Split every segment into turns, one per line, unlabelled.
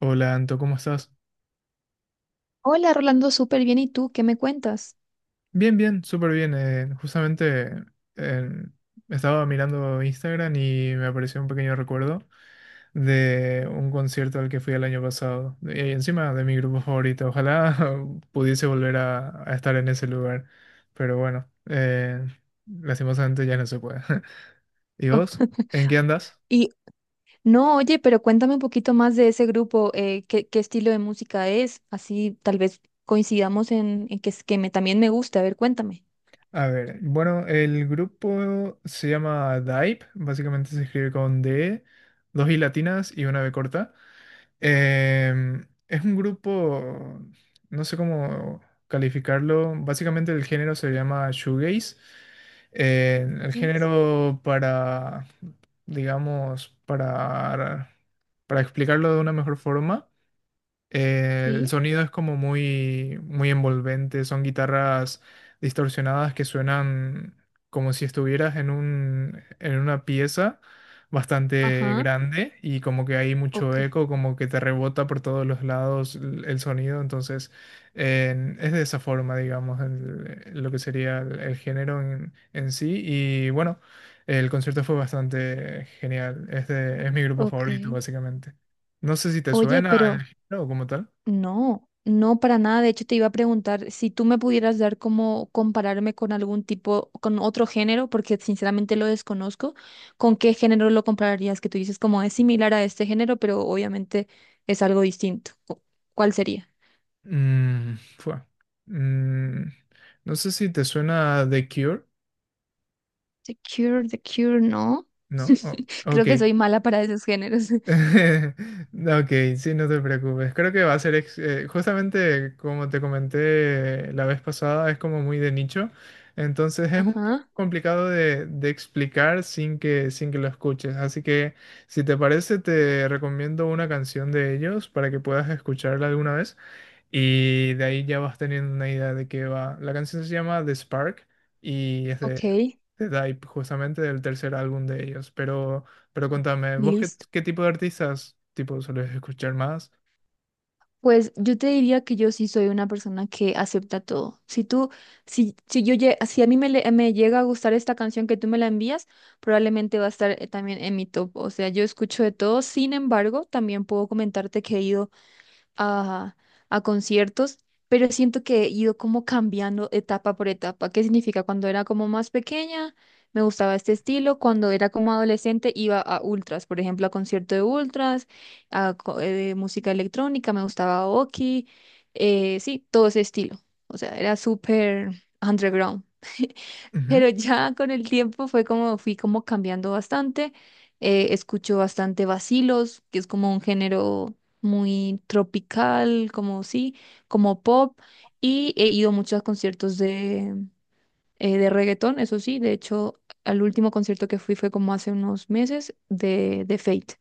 Hola Anto, ¿cómo estás?
Hola, Rolando, súper bien. ¿Y tú qué me cuentas?
Bien, bien, súper bien. Justamente eh, estaba mirando Instagram y me apareció un pequeño recuerdo de un concierto al que fui el año pasado. Y encima de mi grupo favorito. Ojalá pudiese volver a estar en ese lugar. Pero bueno, lastimosamente ya no se puede. ¿Y vos? ¿En qué andas?
Y no, oye, pero cuéntame un poquito más de ese grupo, qué, qué estilo de música es, así tal vez coincidamos en que, que me, también me guste. A ver, cuéntame.
A ver, bueno, el grupo se llama Dive. Básicamente se escribe con D, dos I latinas y una B corta. Es un grupo, no sé cómo calificarlo. Básicamente el género se llama shoegaze. El
¿Es?
género para, digamos, para explicarlo de una mejor forma. El
Sí.
sonido es como muy, muy envolvente, son guitarras distorsionadas que suenan como si estuvieras en un, en una pieza bastante
Ajá,
grande y como que hay mucho
ok,
eco, como que te rebota por todos los lados el sonido. Entonces es de esa forma, digamos, lo que sería el género en sí. Y bueno, el concierto fue bastante genial, es mi grupo
ok.
favorito básicamente. No sé si te
Oye, pero...
suena, no, como tal.
No, no para nada. De hecho, te iba a preguntar si tú me pudieras dar como compararme con algún tipo, con otro género, porque sinceramente lo desconozco. ¿Con qué género lo compararías? Que tú dices como es similar a este género, pero obviamente es algo distinto. ¿Cuál sería?
Mm, fue. Mm, no sé si te suena The Cure,
The Cure, The Cure, no.
¿no? Ok.
Creo que soy mala para esos géneros.
Ok, sí, no te preocupes. Creo que va a ser justamente como te comenté la vez pasada, es como muy de nicho. Entonces es un poco
Ajá,
complicado de explicar sin que, sin que lo escuches. Así que si te parece, te recomiendo una canción de ellos para que puedas escucharla alguna vez. Y de ahí ya vas teniendo una idea de qué va. La canción se llama The Spark y es
ok.
de Dive, justamente del tercer álbum de ellos. Pero contame, ¿vos qué,
Listo.
qué tipo de artistas tipo sueles escuchar más?
Pues yo te diría que yo sí soy una persona que acepta todo. Si yo, si a mí me llega a gustar esta canción que tú me la envías, probablemente va a estar también en mi top. O sea, yo escucho de todo. Sin embargo, también puedo comentarte que he ido a, a conciertos, pero siento que he ido como cambiando etapa por etapa. ¿Qué significa? Cuando era como más pequeña, me gustaba este estilo. Cuando era como adolescente, iba a ultras, por ejemplo, a concierto de ultras, música electrónica, me gustaba Oki, sí, todo ese estilo. O sea, era súper underground.
Ujú.
Pero ya con el tiempo fue como, fui como cambiando bastante. Escucho bastante vacilos, que es como un género muy tropical, como sí, como pop. Y he ido mucho a conciertos de reggaetón, eso sí. De hecho, al último concierto que fui fue como hace unos meses de Fate.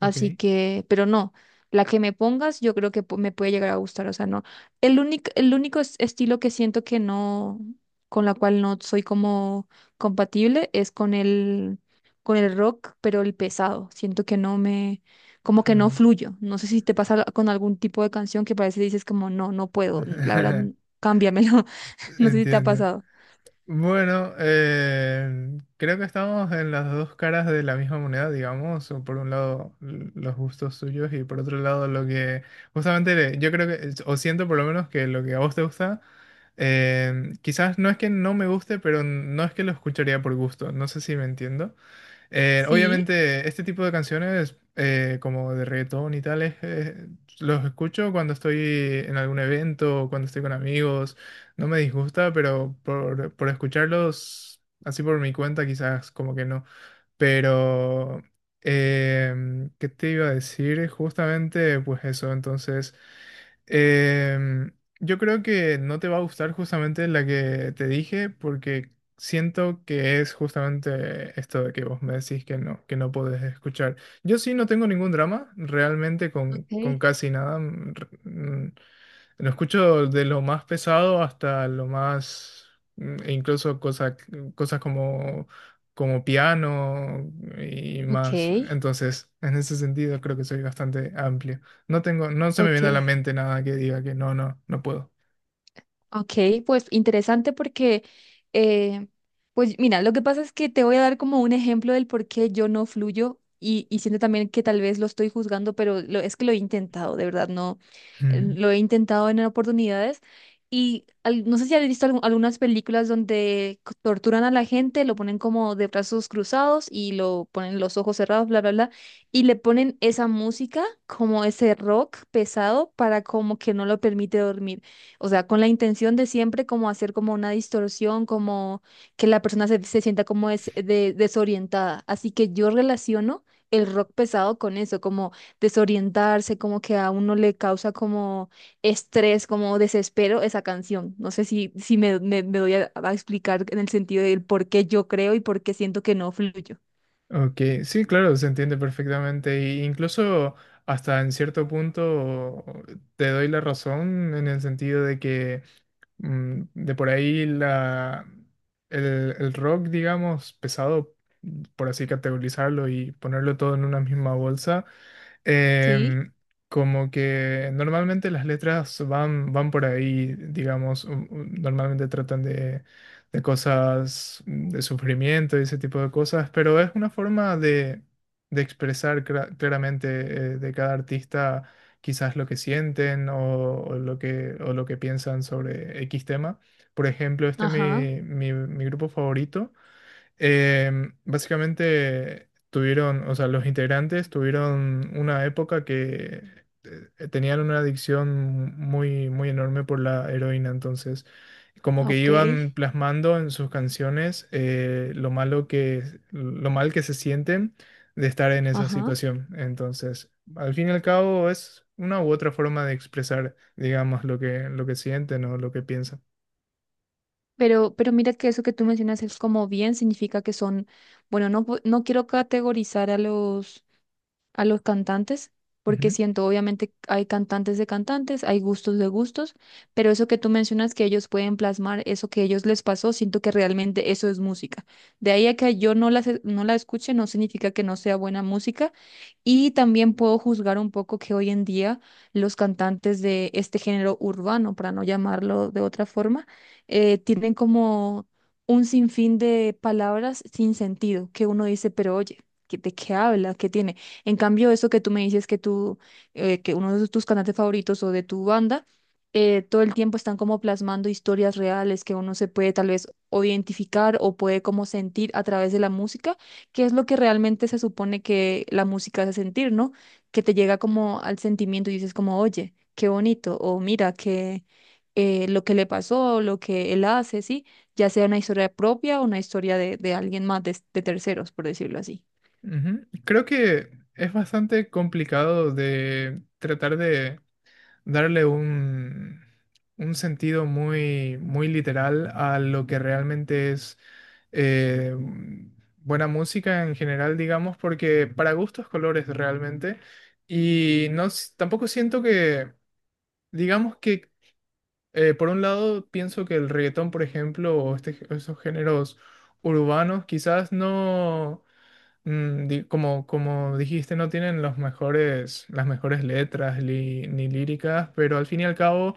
Ok.
Así que, pero no, la que me pongas yo creo que me puede llegar a gustar, o sea, no. El único estilo que siento que no, con la cual no soy como compatible es con con el rock, pero el pesado. Siento que no me, como que no
Ujú.
fluyo. No sé si te pasa con algún tipo de canción que parece dices como, no, no puedo, la verdad, cámbiamelo. No sé si te ha
Entiendo.
pasado.
Bueno, creo que estamos en las dos caras de la misma moneda, digamos, o por un lado los gustos suyos y por otro lado lo que justamente yo creo que, o siento por lo menos que lo que a vos te gusta, quizás no es que no me guste, pero no es que lo escucharía por gusto, no sé si me entiendo.
Sí,
Obviamente, este tipo de canciones, como de reggaetón y tales, los escucho cuando estoy en algún evento, o cuando estoy con amigos. No me disgusta, pero por escucharlos así por mi cuenta, quizás como que no. Pero, ¿qué te iba a decir? Justamente, pues eso. Entonces, em, yo creo que no te va a gustar justamente la que te dije, porque siento que es justamente esto de que vos me decís que no podés escuchar. Yo sí no tengo ningún drama, realmente
ok,
con casi nada. Lo escucho de lo más pesado hasta lo más, e incluso cosas, cosas como como piano y
ok,
más. Entonces, en ese sentido creo que soy bastante amplio. No tengo, no se me
ok.
viene a la mente nada que diga que no, no, no puedo.
Ok, pues interesante porque, eh, pues mira, lo que pasa es que te voy a dar como un ejemplo del por qué yo no fluyo y siento también que tal vez lo estoy juzgando, pero lo, es que lo he intentado, de verdad, no,
Ujú.
lo he intentado en oportunidades y no sé si has visto algunas películas donde torturan a la gente, lo ponen como de brazos cruzados y lo ponen los ojos cerrados, bla, bla, bla, y le ponen esa música como ese rock pesado para como que no lo permite dormir. O sea, con la intención de siempre como hacer como una distorsión, como que la persona se, se sienta como desorientada. Así que yo relaciono el rock pesado con eso, como desorientarse, como que a uno le causa como estrés, como desespero esa canción. No sé si, si me doy a explicar en el sentido del por qué yo creo y por qué siento que no fluyo.
Ok, sí, claro, se entiende perfectamente. E incluso hasta en cierto punto te doy la razón en el sentido de que de por ahí la, el rock, digamos, pesado, por así categorizarlo y ponerlo todo en una misma bolsa,
¿Sí?
em, como que normalmente las letras van, van por ahí, digamos, normalmente tratan de cosas de sufrimiento y ese tipo de cosas, pero es una forma de expresar claramente de cada artista quizás lo que sienten o lo que piensan sobre X tema. Por ejemplo, este
Ajá,
mi grupo favorito eh, básicamente tuvieron, o sea, los integrantes tuvieron una época que tenían una adicción muy, muy enorme por la heroína. Entonces como que
ok,
iban plasmando en sus canciones lo malo que, lo mal que se sienten de estar en esa
ajá.
situación. Entonces, al fin y al cabo es una u otra forma de expresar, digamos, lo que sienten o lo que piensan.
Pero mira que eso que tú mencionas es como bien significa que son, bueno, no, no quiero categorizar a a los cantantes, porque siento, obviamente, hay cantantes de cantantes, hay gustos de gustos, pero eso que tú mencionas que ellos pueden plasmar, eso que ellos les pasó, siento que realmente eso es música. De ahí a que yo no no la escuche, no significa que no sea buena música. Y también puedo juzgar un poco que hoy en día los cantantes de este género urbano, para no llamarlo de otra forma, tienen como un sinfín de palabras sin sentido, que uno dice, pero oye, ¿qué- ¿de qué habla? ¿Qué tiene? En cambio, eso que tú me dices que tú, que uno de tus cantantes favoritos o de tu banda, todo el tiempo están como plasmando historias reales que uno se puede tal vez o identificar o puede como sentir a través de la música, que es lo que realmente se supone que la música hace sentir, ¿no? Que te llega como al sentimiento y dices como, oye, qué bonito, o mira, que lo que le pasó, lo que él hace, ¿sí? Ya sea una historia propia o una historia de alguien más, de terceros, por decirlo así.
Ujú. Creo que es bastante complicado de tratar de darle un sentido muy, muy literal a lo que realmente es eh, buena música en general, digamos, porque para gustos colores realmente. Y no, tampoco siento que, digamos que, por un lado, pienso que el reggaetón, por ejemplo, o este, esos géneros urbanos, quizás no como, como dijiste, no tienen los mejores, las mejores letras ni líricas, pero al fin y al cabo,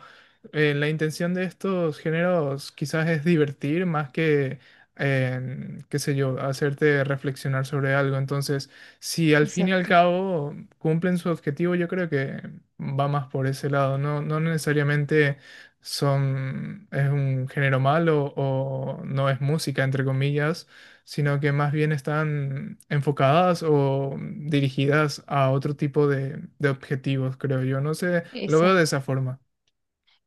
la intención de estos géneros quizás es divertir más que, qué sé yo, hacerte reflexionar sobre algo. Entonces, si al fin y al
Exacto,
cabo cumplen su objetivo, yo creo que va más por ese lado. No, no necesariamente son, es un género malo o no es música, entre comillas, sino que más bien están enfocadas o dirigidas a otro tipo de objetivos, creo yo. No sé, lo veo de
exacto.
esa forma.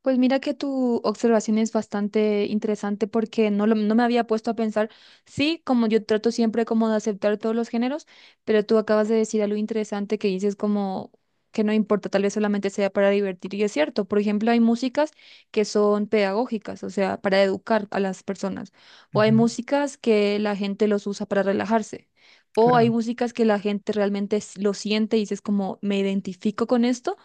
Pues mira que tu observación es bastante interesante porque no, no me había puesto a pensar, sí, como yo trato siempre como de aceptar todos los géneros, pero tú acabas de decir algo interesante que dices como que no importa, tal vez solamente sea para divertir y es cierto. Por ejemplo, hay músicas que son pedagógicas, o sea, para educar a las personas, o hay
Ujú,
músicas que la gente los usa para relajarse. O hay
claro.
músicas que la gente realmente lo siente y dices como me identifico con esto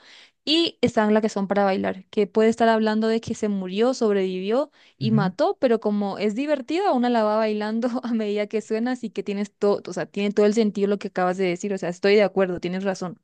y están las que son para bailar, que puede estar hablando de que se murió, sobrevivió y
Ujú.
mató, pero como es divertida, una la va bailando a medida que suena, así que tienes todo, o sea, tiene todo el sentido lo que acabas de decir, o sea, estoy de acuerdo, tienes razón.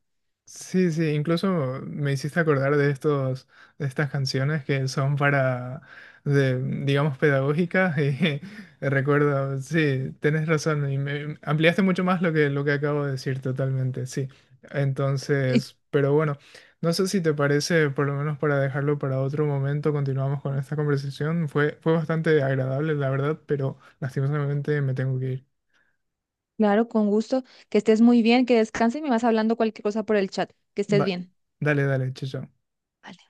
Sí, sí, incluso me hiciste acordar de estos, de estas canciones que son para, de, digamos, pedagógicas y recuerdo, sí, tenés razón y me ampliaste mucho más lo que acabo de decir totalmente, sí. Entonces, pero bueno, no sé si te parece, por lo menos para dejarlo para otro momento, continuamos con esta conversación. Fue, fue bastante agradable, la verdad, pero lastimosamente me tengo que ir.
Claro, con gusto, que estés muy bien, que descanses y me vas hablando cualquier cosa por el chat, que estés
Va-
bien.
Dale, dale, chao. Chao.
Vale.